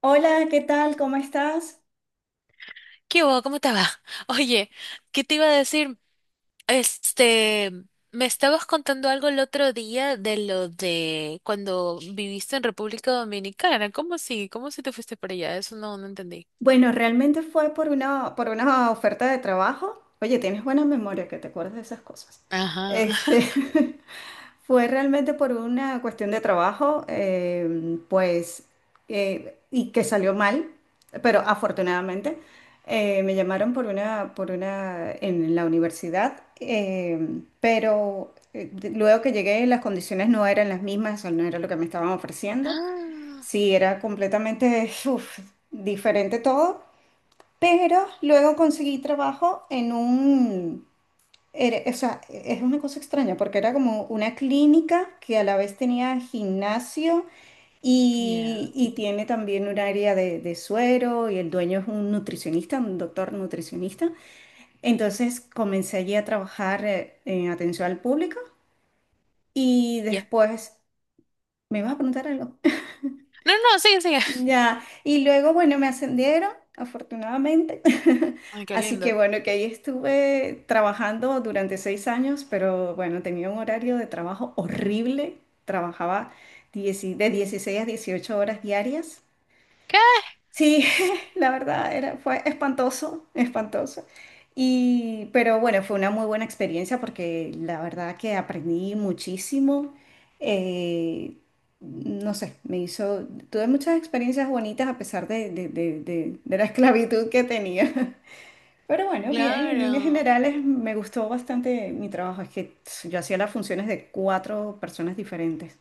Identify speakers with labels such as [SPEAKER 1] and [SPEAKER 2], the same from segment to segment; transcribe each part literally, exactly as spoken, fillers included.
[SPEAKER 1] Hola, ¿qué tal? ¿Cómo estás?
[SPEAKER 2] ¿Qué hubo? ¿Cómo te va? Oye, ¿qué te iba a decir? Este, me estabas contando algo el otro día de lo de cuando viviste en República Dominicana. ¿Cómo así? ¿Cómo si te fuiste para allá? Eso no, no entendí.
[SPEAKER 1] Bueno, realmente fue por una, por una oferta de trabajo. Oye, tienes buena memoria que te acuerdas de esas cosas.
[SPEAKER 2] Ajá.
[SPEAKER 1] Este, fue realmente por una cuestión de trabajo, eh, pues, eh, y que salió mal, pero afortunadamente eh, me llamaron por una, por una, en la universidad, eh, pero eh, de- luego que llegué las condiciones no eran las mismas, o no era lo que me estaban ofreciendo.
[SPEAKER 2] Ah,
[SPEAKER 1] Sí, era completamente uf, diferente todo, pero luego conseguí trabajo en un, era- o sea, es una cosa extraña porque era como una clínica que a la vez tenía gimnasio y,
[SPEAKER 2] ya.
[SPEAKER 1] y tiene también un área de, de suero y el dueño es un nutricionista, un doctor nutricionista. Entonces comencé allí a trabajar eh, en atención al público y
[SPEAKER 2] Ya.
[SPEAKER 1] después, ¿me vas a preguntar algo?
[SPEAKER 2] No, no, sigue, sigue.
[SPEAKER 1] Ya, y luego, bueno, me ascendieron, afortunadamente.
[SPEAKER 2] Ay, qué
[SPEAKER 1] Así que
[SPEAKER 2] lindo.
[SPEAKER 1] bueno, que ahí estuve trabajando durante seis años, pero bueno, tenía un horario de trabajo horrible. Trabajaba dieci- de dieciséis a dieciocho horas diarias.
[SPEAKER 2] ¿Qué?
[SPEAKER 1] Sí, la verdad era, fue espantoso, espantoso. Y, pero bueno, fue una muy buena experiencia porque la verdad que aprendí muchísimo. Eh, no sé, me hizo, tuve muchas experiencias bonitas a pesar de, de- de- de- de la esclavitud que tenía. Pero bueno, bien, en líneas
[SPEAKER 2] Claro.
[SPEAKER 1] generales me gustó bastante mi trabajo. Es que tss, yo hacía las funciones de cuatro personas diferentes.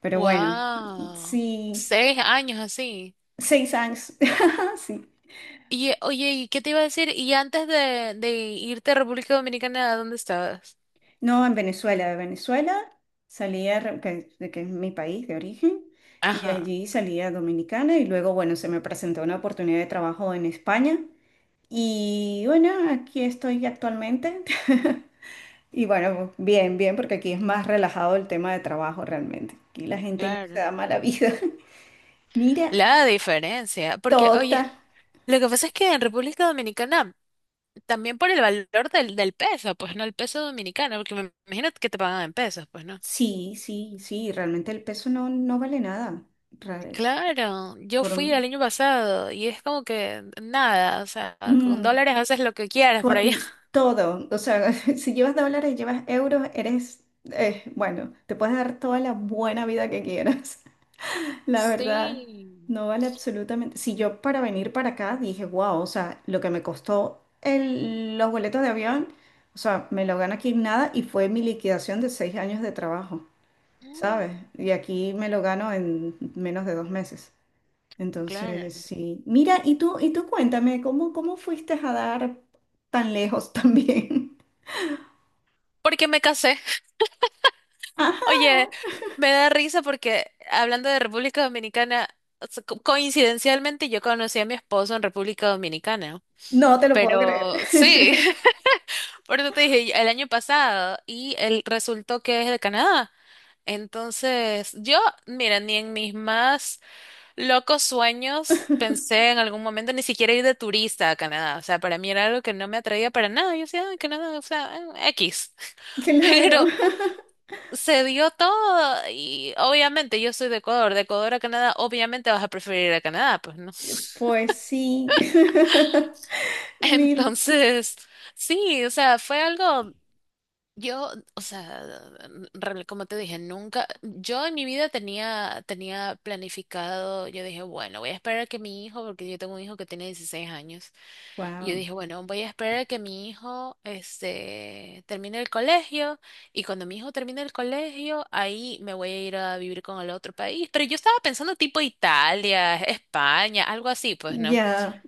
[SPEAKER 1] Pero bueno,
[SPEAKER 2] Wow.
[SPEAKER 1] sí,
[SPEAKER 2] Seis años así.
[SPEAKER 1] seis años, sí.
[SPEAKER 2] Y eh, oye, ¿y qué te iba a decir? ¿Y antes de, de irte a República Dominicana, dónde estabas?
[SPEAKER 1] No, en Venezuela. De Venezuela salía, Re- que, de que es mi país de origen, y de
[SPEAKER 2] Ajá.
[SPEAKER 1] allí salía Dominicana y luego, bueno, se me presentó una oportunidad de trabajo en España. Y bueno, aquí estoy actualmente. Y bueno, bien, bien, porque aquí es más relajado el tema de trabajo realmente. Aquí la gente no se
[SPEAKER 2] Claro,
[SPEAKER 1] da mala vida. Mira,
[SPEAKER 2] la diferencia, porque
[SPEAKER 1] tota.
[SPEAKER 2] oye, lo que pasa es que en República Dominicana, también por el valor del, del peso, pues no el peso dominicano, porque me imagino que te pagan en pesos, pues no.
[SPEAKER 1] Sí, sí, sí, realmente el peso no, no vale nada. Ra-
[SPEAKER 2] Claro, yo
[SPEAKER 1] Por,
[SPEAKER 2] fui el
[SPEAKER 1] un-
[SPEAKER 2] año pasado y es como que nada, o sea, con
[SPEAKER 1] mm.
[SPEAKER 2] dólares haces lo que quieras por
[SPEAKER 1] Con
[SPEAKER 2] allá.
[SPEAKER 1] todo, o sea, si llevas dólares, llevas euros, eres, eh, bueno, te puedes dar toda la buena vida que quieras. La verdad,
[SPEAKER 2] Sí,
[SPEAKER 1] no vale absolutamente. Si yo para venir para acá dije, wow, o sea, lo que me costó el- los boletos de avión, o sea, me lo gano aquí en nada y fue mi liquidación de seis años de trabajo, ¿sabes?
[SPEAKER 2] Mm.
[SPEAKER 1] Y aquí me lo gano en menos de dos meses. Entonces,
[SPEAKER 2] Claro,
[SPEAKER 1] sí. Mira, y tú, y tú cuéntame, ¿cómo, cómo fuiste a dar tan lejos también?
[SPEAKER 2] porque me casé.
[SPEAKER 1] Ajá,
[SPEAKER 2] Oye, me da risa porque hablando de República Dominicana, o sea, co- coincidencialmente yo conocí a mi esposo en República Dominicana,
[SPEAKER 1] no te lo puedo
[SPEAKER 2] pero
[SPEAKER 1] creer.
[SPEAKER 2] sí, por eso te dije el año pasado y él resultó que es de Canadá. Entonces, yo, mira, ni en mis más locos sueños pensé en algún momento ni siquiera ir de turista a Canadá. O sea, para mí era algo que no me atraía para nada. Yo decía, "Ay, Canadá, o sea, eh, X."
[SPEAKER 1] Claro.
[SPEAKER 2] Pero se dio todo y obviamente yo soy de Ecuador, de Ecuador a Canadá, obviamente vas a preferir a Canadá, pues no.
[SPEAKER 1] Pues sí. Mil.
[SPEAKER 2] Entonces, sí, o sea, fue algo, yo, o sea, real- como te dije, nunca, yo en mi vida tenía, tenía planificado, yo dije, bueno, voy a esperar a que mi hijo, porque yo tengo un hijo que tiene dieciséis años. Y yo
[SPEAKER 1] Wow.
[SPEAKER 2] dije, bueno, voy a esperar a que mi hijo este, termine el colegio, y cuando mi hijo termine el colegio, ahí me voy a ir a vivir con el otro país. Pero yo estaba pensando tipo Italia, España, algo así, pues, ¿no?
[SPEAKER 1] Ya.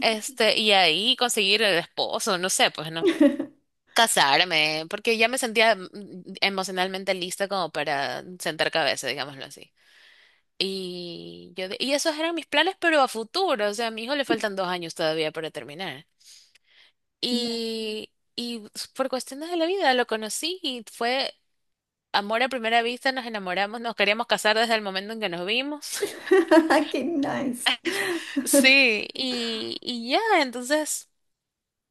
[SPEAKER 2] Este, y ahí conseguir el esposo, no sé, pues, ¿no? Casarme, porque ya me sentía mm, mm, emocionalmente lista como para sentar cabeza, digámoslo así. Y yo, de- y esos eran mis planes, pero a futuro, o sea, a mi hijo le faltan dos años todavía para terminar. Y, y por cuestiones de la vida lo conocí y fue amor a primera vista, nos enamoramos, nos queríamos casar desde el momento en que nos vimos.
[SPEAKER 1] Qué nice.
[SPEAKER 2] Sí, y, y ya, entonces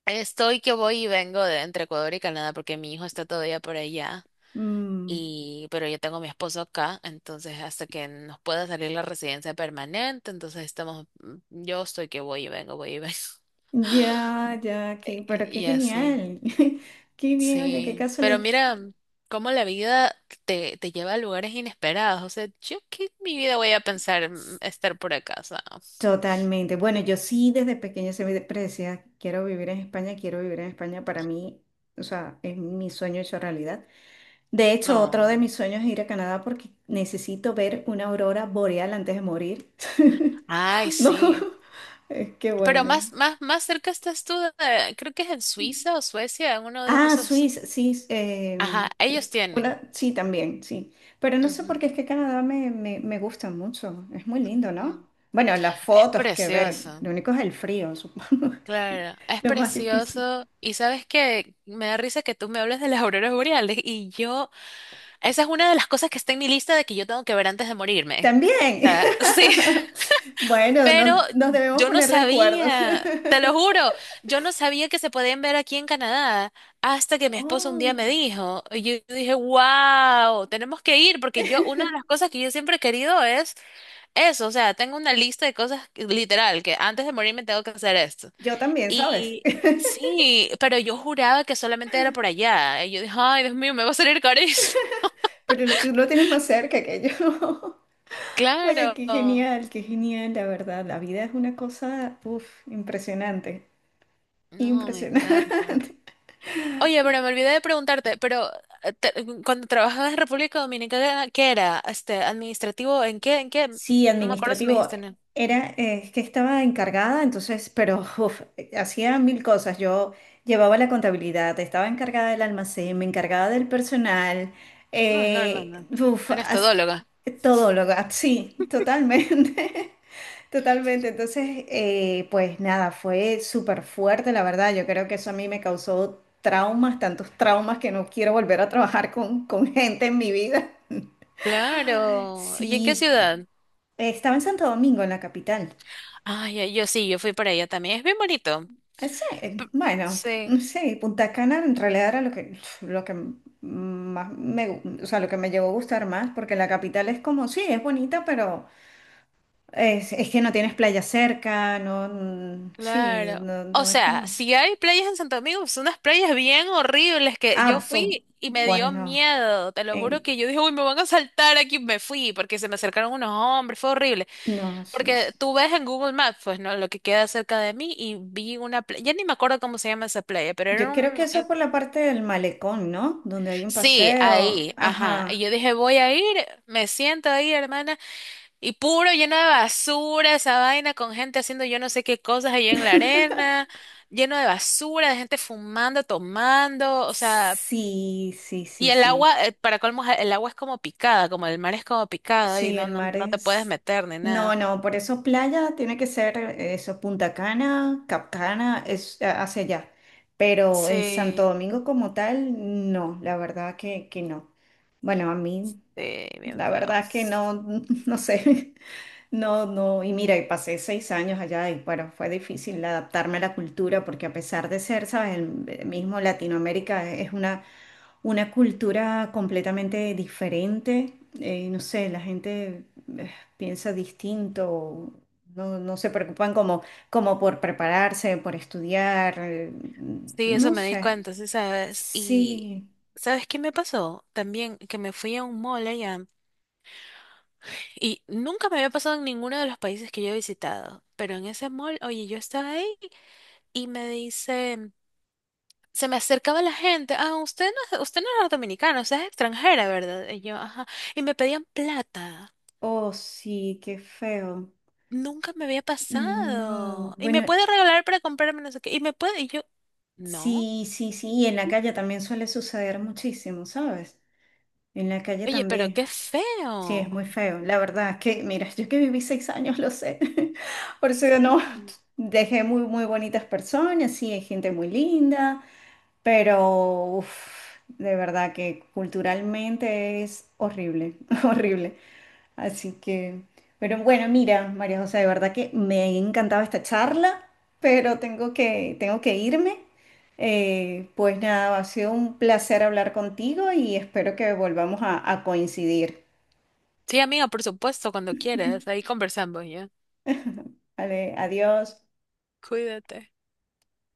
[SPEAKER 2] estoy que voy y vengo de entre Ecuador y Canadá porque mi hijo está todavía por allá.
[SPEAKER 1] Mm,
[SPEAKER 2] Y, pero yo tengo a mi esposo acá, entonces hasta que nos pueda salir la residencia permanente, entonces estamos, mm, yo estoy que voy y vengo, voy y vengo.
[SPEAKER 1] ya, ya, qué, pero qué
[SPEAKER 2] Y así.
[SPEAKER 1] genial. Qué bien, oye, qué
[SPEAKER 2] Sí, pero
[SPEAKER 1] casualidad.
[SPEAKER 2] mira, mm, cómo la vida te, te lleva a lugares inesperados. O sea, yo qué en mi vida voy a pensar, mm, estar por acá, o sea,
[SPEAKER 1] Totalmente. Bueno, yo sí desde pequeña se me decía, quiero vivir en España, quiero vivir en España. Para mí, o sea, es mi sueño hecho realidad. De hecho, otro de
[SPEAKER 2] no.
[SPEAKER 1] mis sueños es ir a Canadá porque necesito ver una aurora boreal antes de morir.
[SPEAKER 2] Ay,
[SPEAKER 1] No,
[SPEAKER 2] sí.
[SPEAKER 1] es que
[SPEAKER 2] Pero
[SPEAKER 1] bueno.
[SPEAKER 2] más, más, más cerca estás tú, de- creo que es en Suiza o Suecia, en uno de
[SPEAKER 1] Ah,
[SPEAKER 2] esos.
[SPEAKER 1] Suiza, sí,
[SPEAKER 2] Ajá,
[SPEAKER 1] eh,
[SPEAKER 2] ellos tienen.
[SPEAKER 1] una, sí, también, sí. Pero no sé por qué
[SPEAKER 2] Ujú,
[SPEAKER 1] es que Canadá me, me, me gusta mucho. Es muy lindo, ¿no?
[SPEAKER 2] ujú.
[SPEAKER 1] Bueno, las
[SPEAKER 2] Es
[SPEAKER 1] fotos que ver,
[SPEAKER 2] precioso.
[SPEAKER 1] lo único es el frío, supongo,
[SPEAKER 2] Claro, es
[SPEAKER 1] lo más difícil.
[SPEAKER 2] precioso. Y sabes que me da risa que tú me hables de las auroras boreales y yo. Esa es una de las cosas que está en mi lista de que yo tengo que ver antes de morirme. O
[SPEAKER 1] También.
[SPEAKER 2] sea, sí,
[SPEAKER 1] Bueno,
[SPEAKER 2] pero
[SPEAKER 1] nos, nos debemos
[SPEAKER 2] yo no
[SPEAKER 1] poner de acuerdo.
[SPEAKER 2] sabía, te lo juro, yo no sabía que se podían ver aquí en Canadá hasta que mi esposo un día me
[SPEAKER 1] Oh,
[SPEAKER 2] dijo. Y yo dije, wow, tenemos que ir porque yo, una de las cosas que yo siempre he querido es eso. O sea, tengo una lista de cosas que- literal que antes de morirme tengo que hacer esto.
[SPEAKER 1] yo también, ¿sabes?
[SPEAKER 2] Y sí, pero yo juraba que solamente era por allá. Y yo dije, ay, Dios mío, me va a salir carísimo.
[SPEAKER 1] Pero lo, tú lo tienes más cerca que yo. Oye, qué
[SPEAKER 2] Claro.
[SPEAKER 1] genial, qué genial, la verdad. La vida es una cosa, uf, impresionante.
[SPEAKER 2] No, me encanta.
[SPEAKER 1] Impresionante.
[SPEAKER 2] Oye, pero me olvidé de preguntarte, pero eh, te- mm, cuando trabajabas en República Dominicana, ¿qué era? Este, administrativo, ¿en qué? ¿En qué?
[SPEAKER 1] Sí,
[SPEAKER 2] No me acuerdo si me
[SPEAKER 1] administrativo.
[SPEAKER 2] dijiste. No,
[SPEAKER 1] Era, eh, es que estaba encargada, entonces, pero uf, hacía mil cosas. Yo llevaba la contabilidad, estaba encargada del almacén, me encargaba del personal,
[SPEAKER 2] no, no,
[SPEAKER 1] eh,
[SPEAKER 2] hermana.
[SPEAKER 1] uf,
[SPEAKER 2] Eras
[SPEAKER 1] as-
[SPEAKER 2] todóloga.
[SPEAKER 1] todo lo, ah, sí, totalmente, totalmente. Entonces, eh, pues nada, fue súper fuerte, la verdad. Yo creo que eso a mí me causó traumas, tantos traumas que no quiero volver a trabajar con, con gente en mi vida.
[SPEAKER 2] Claro. ¿Y en qué
[SPEAKER 1] Sí,
[SPEAKER 2] ciudad?
[SPEAKER 1] eh, estaba en Santo Domingo, en la capital.
[SPEAKER 2] Ay, ay, yo sí, yo fui para allá también. Es bien bonito.
[SPEAKER 1] Eh, sí,
[SPEAKER 2] P-
[SPEAKER 1] eh, bueno,
[SPEAKER 2] Sí.
[SPEAKER 1] mm, sí, Punta Cana en realidad era lo que, lo que m- más me, gu- o sea, lo que me llevó a gustar más, porque la capital es como, sí, es bonita, pero es, es que no tienes playa cerca, no, mm, sí,
[SPEAKER 2] Claro.
[SPEAKER 1] no,
[SPEAKER 2] O
[SPEAKER 1] no es
[SPEAKER 2] sea,
[SPEAKER 1] como,
[SPEAKER 2] si hay playas en Santo Domingo, son unas playas bien horribles que yo
[SPEAKER 1] ah, o-
[SPEAKER 2] fui y me dio
[SPEAKER 1] bueno,
[SPEAKER 2] miedo. Te lo juro
[SPEAKER 1] en-
[SPEAKER 2] que yo dije, uy, me van a saltar aquí. Me fui porque se me acercaron unos hombres, fue horrible.
[SPEAKER 1] no, sí, sí.
[SPEAKER 2] Porque tú ves en Google Maps, pues, ¿no? Lo que queda cerca de mí y vi una playa, ya ni me acuerdo cómo se llama esa playa, pero
[SPEAKER 1] Yo
[SPEAKER 2] era
[SPEAKER 1] creo que
[SPEAKER 2] un.
[SPEAKER 1] eso es
[SPEAKER 2] eh,
[SPEAKER 1] por la parte del malecón, ¿no? Donde hay un
[SPEAKER 2] Sí,
[SPEAKER 1] paseo,
[SPEAKER 2] ahí, ajá. Y
[SPEAKER 1] ajá,
[SPEAKER 2] yo dije, voy a ir, me siento ahí, hermana. Y puro lleno de basura, esa vaina con gente haciendo yo no sé qué cosas allí en la arena, lleno de basura, de gente fumando, tomando, o sea,
[SPEAKER 1] sí, sí, sí,
[SPEAKER 2] y el
[SPEAKER 1] sí.
[SPEAKER 2] agua, eh, para colmo, el agua es como picada, como el mar es como picado y
[SPEAKER 1] Sí,
[SPEAKER 2] no,
[SPEAKER 1] el
[SPEAKER 2] no,
[SPEAKER 1] mar
[SPEAKER 2] no te puedes
[SPEAKER 1] es...
[SPEAKER 2] meter ni
[SPEAKER 1] No,
[SPEAKER 2] nada.
[SPEAKER 1] no, por eso playa tiene que ser eh, eso, Punta Cana, Cap Cana es a- hacia allá. Pero en Santo
[SPEAKER 2] Sí,
[SPEAKER 1] Domingo como tal, no, la verdad que, que no. Bueno, a mí,
[SPEAKER 2] sí, bien
[SPEAKER 1] la
[SPEAKER 2] feo.
[SPEAKER 1] verdad que
[SPEAKER 2] Sí,
[SPEAKER 1] no, no sé. No, no, y mira, y pasé seis años allá y bueno, fue difícil adaptarme a la cultura porque a pesar de ser, sabes, el eh, mismo Latinoamérica es una una cultura completamente diferente. Eh, no sé, la gente eh, piensa distinto, no, no se preocupan como, como por prepararse, por estudiar, eh,
[SPEAKER 2] eso
[SPEAKER 1] no
[SPEAKER 2] me di
[SPEAKER 1] sé.
[SPEAKER 2] cuenta, sí, sabes. Y,
[SPEAKER 1] Sí,
[SPEAKER 2] ¿sabes qué me pasó? También que me fui a un mall allá. Y nunca me había pasado en ninguno de los países que yo he visitado. Pero en ese mall, oye, yo estaba ahí. Y me dice, se me acercaba la gente, ah, usted no, es- usted no era dominicana, usted es extranjera, ¿verdad? Y yo, ajá, y me pedían plata.
[SPEAKER 1] oh sí, qué feo.
[SPEAKER 2] Nunca me había
[SPEAKER 1] No,
[SPEAKER 2] pasado. Y
[SPEAKER 1] bueno,
[SPEAKER 2] me puede regalar para comprarme no sé qué. Y me puede, y yo, no.
[SPEAKER 1] sí, sí, sí, y en la calle también suele suceder muchísimo, ¿sabes? En la calle
[SPEAKER 2] Oye, pero
[SPEAKER 1] también.
[SPEAKER 2] qué
[SPEAKER 1] Sí, es
[SPEAKER 2] feo.
[SPEAKER 1] muy feo. La verdad es que, mira, yo que viví seis años, lo sé. Por eso que no,
[SPEAKER 2] Sí.
[SPEAKER 1] dejé muy, muy bonitas personas, sí, hay gente muy linda, pero uf, de verdad que culturalmente es horrible, horrible. Así que, pero bueno, mira, María José, de verdad que me ha encantado esta charla, pero tengo que, tengo que irme. Eh, pues nada, ha sido un placer hablar contigo y espero que volvamos a a coincidir.
[SPEAKER 2] Sí, amiga, por supuesto, cuando quieras, ahí conversamos ya.
[SPEAKER 1] Vale, adiós.
[SPEAKER 2] Cuídate.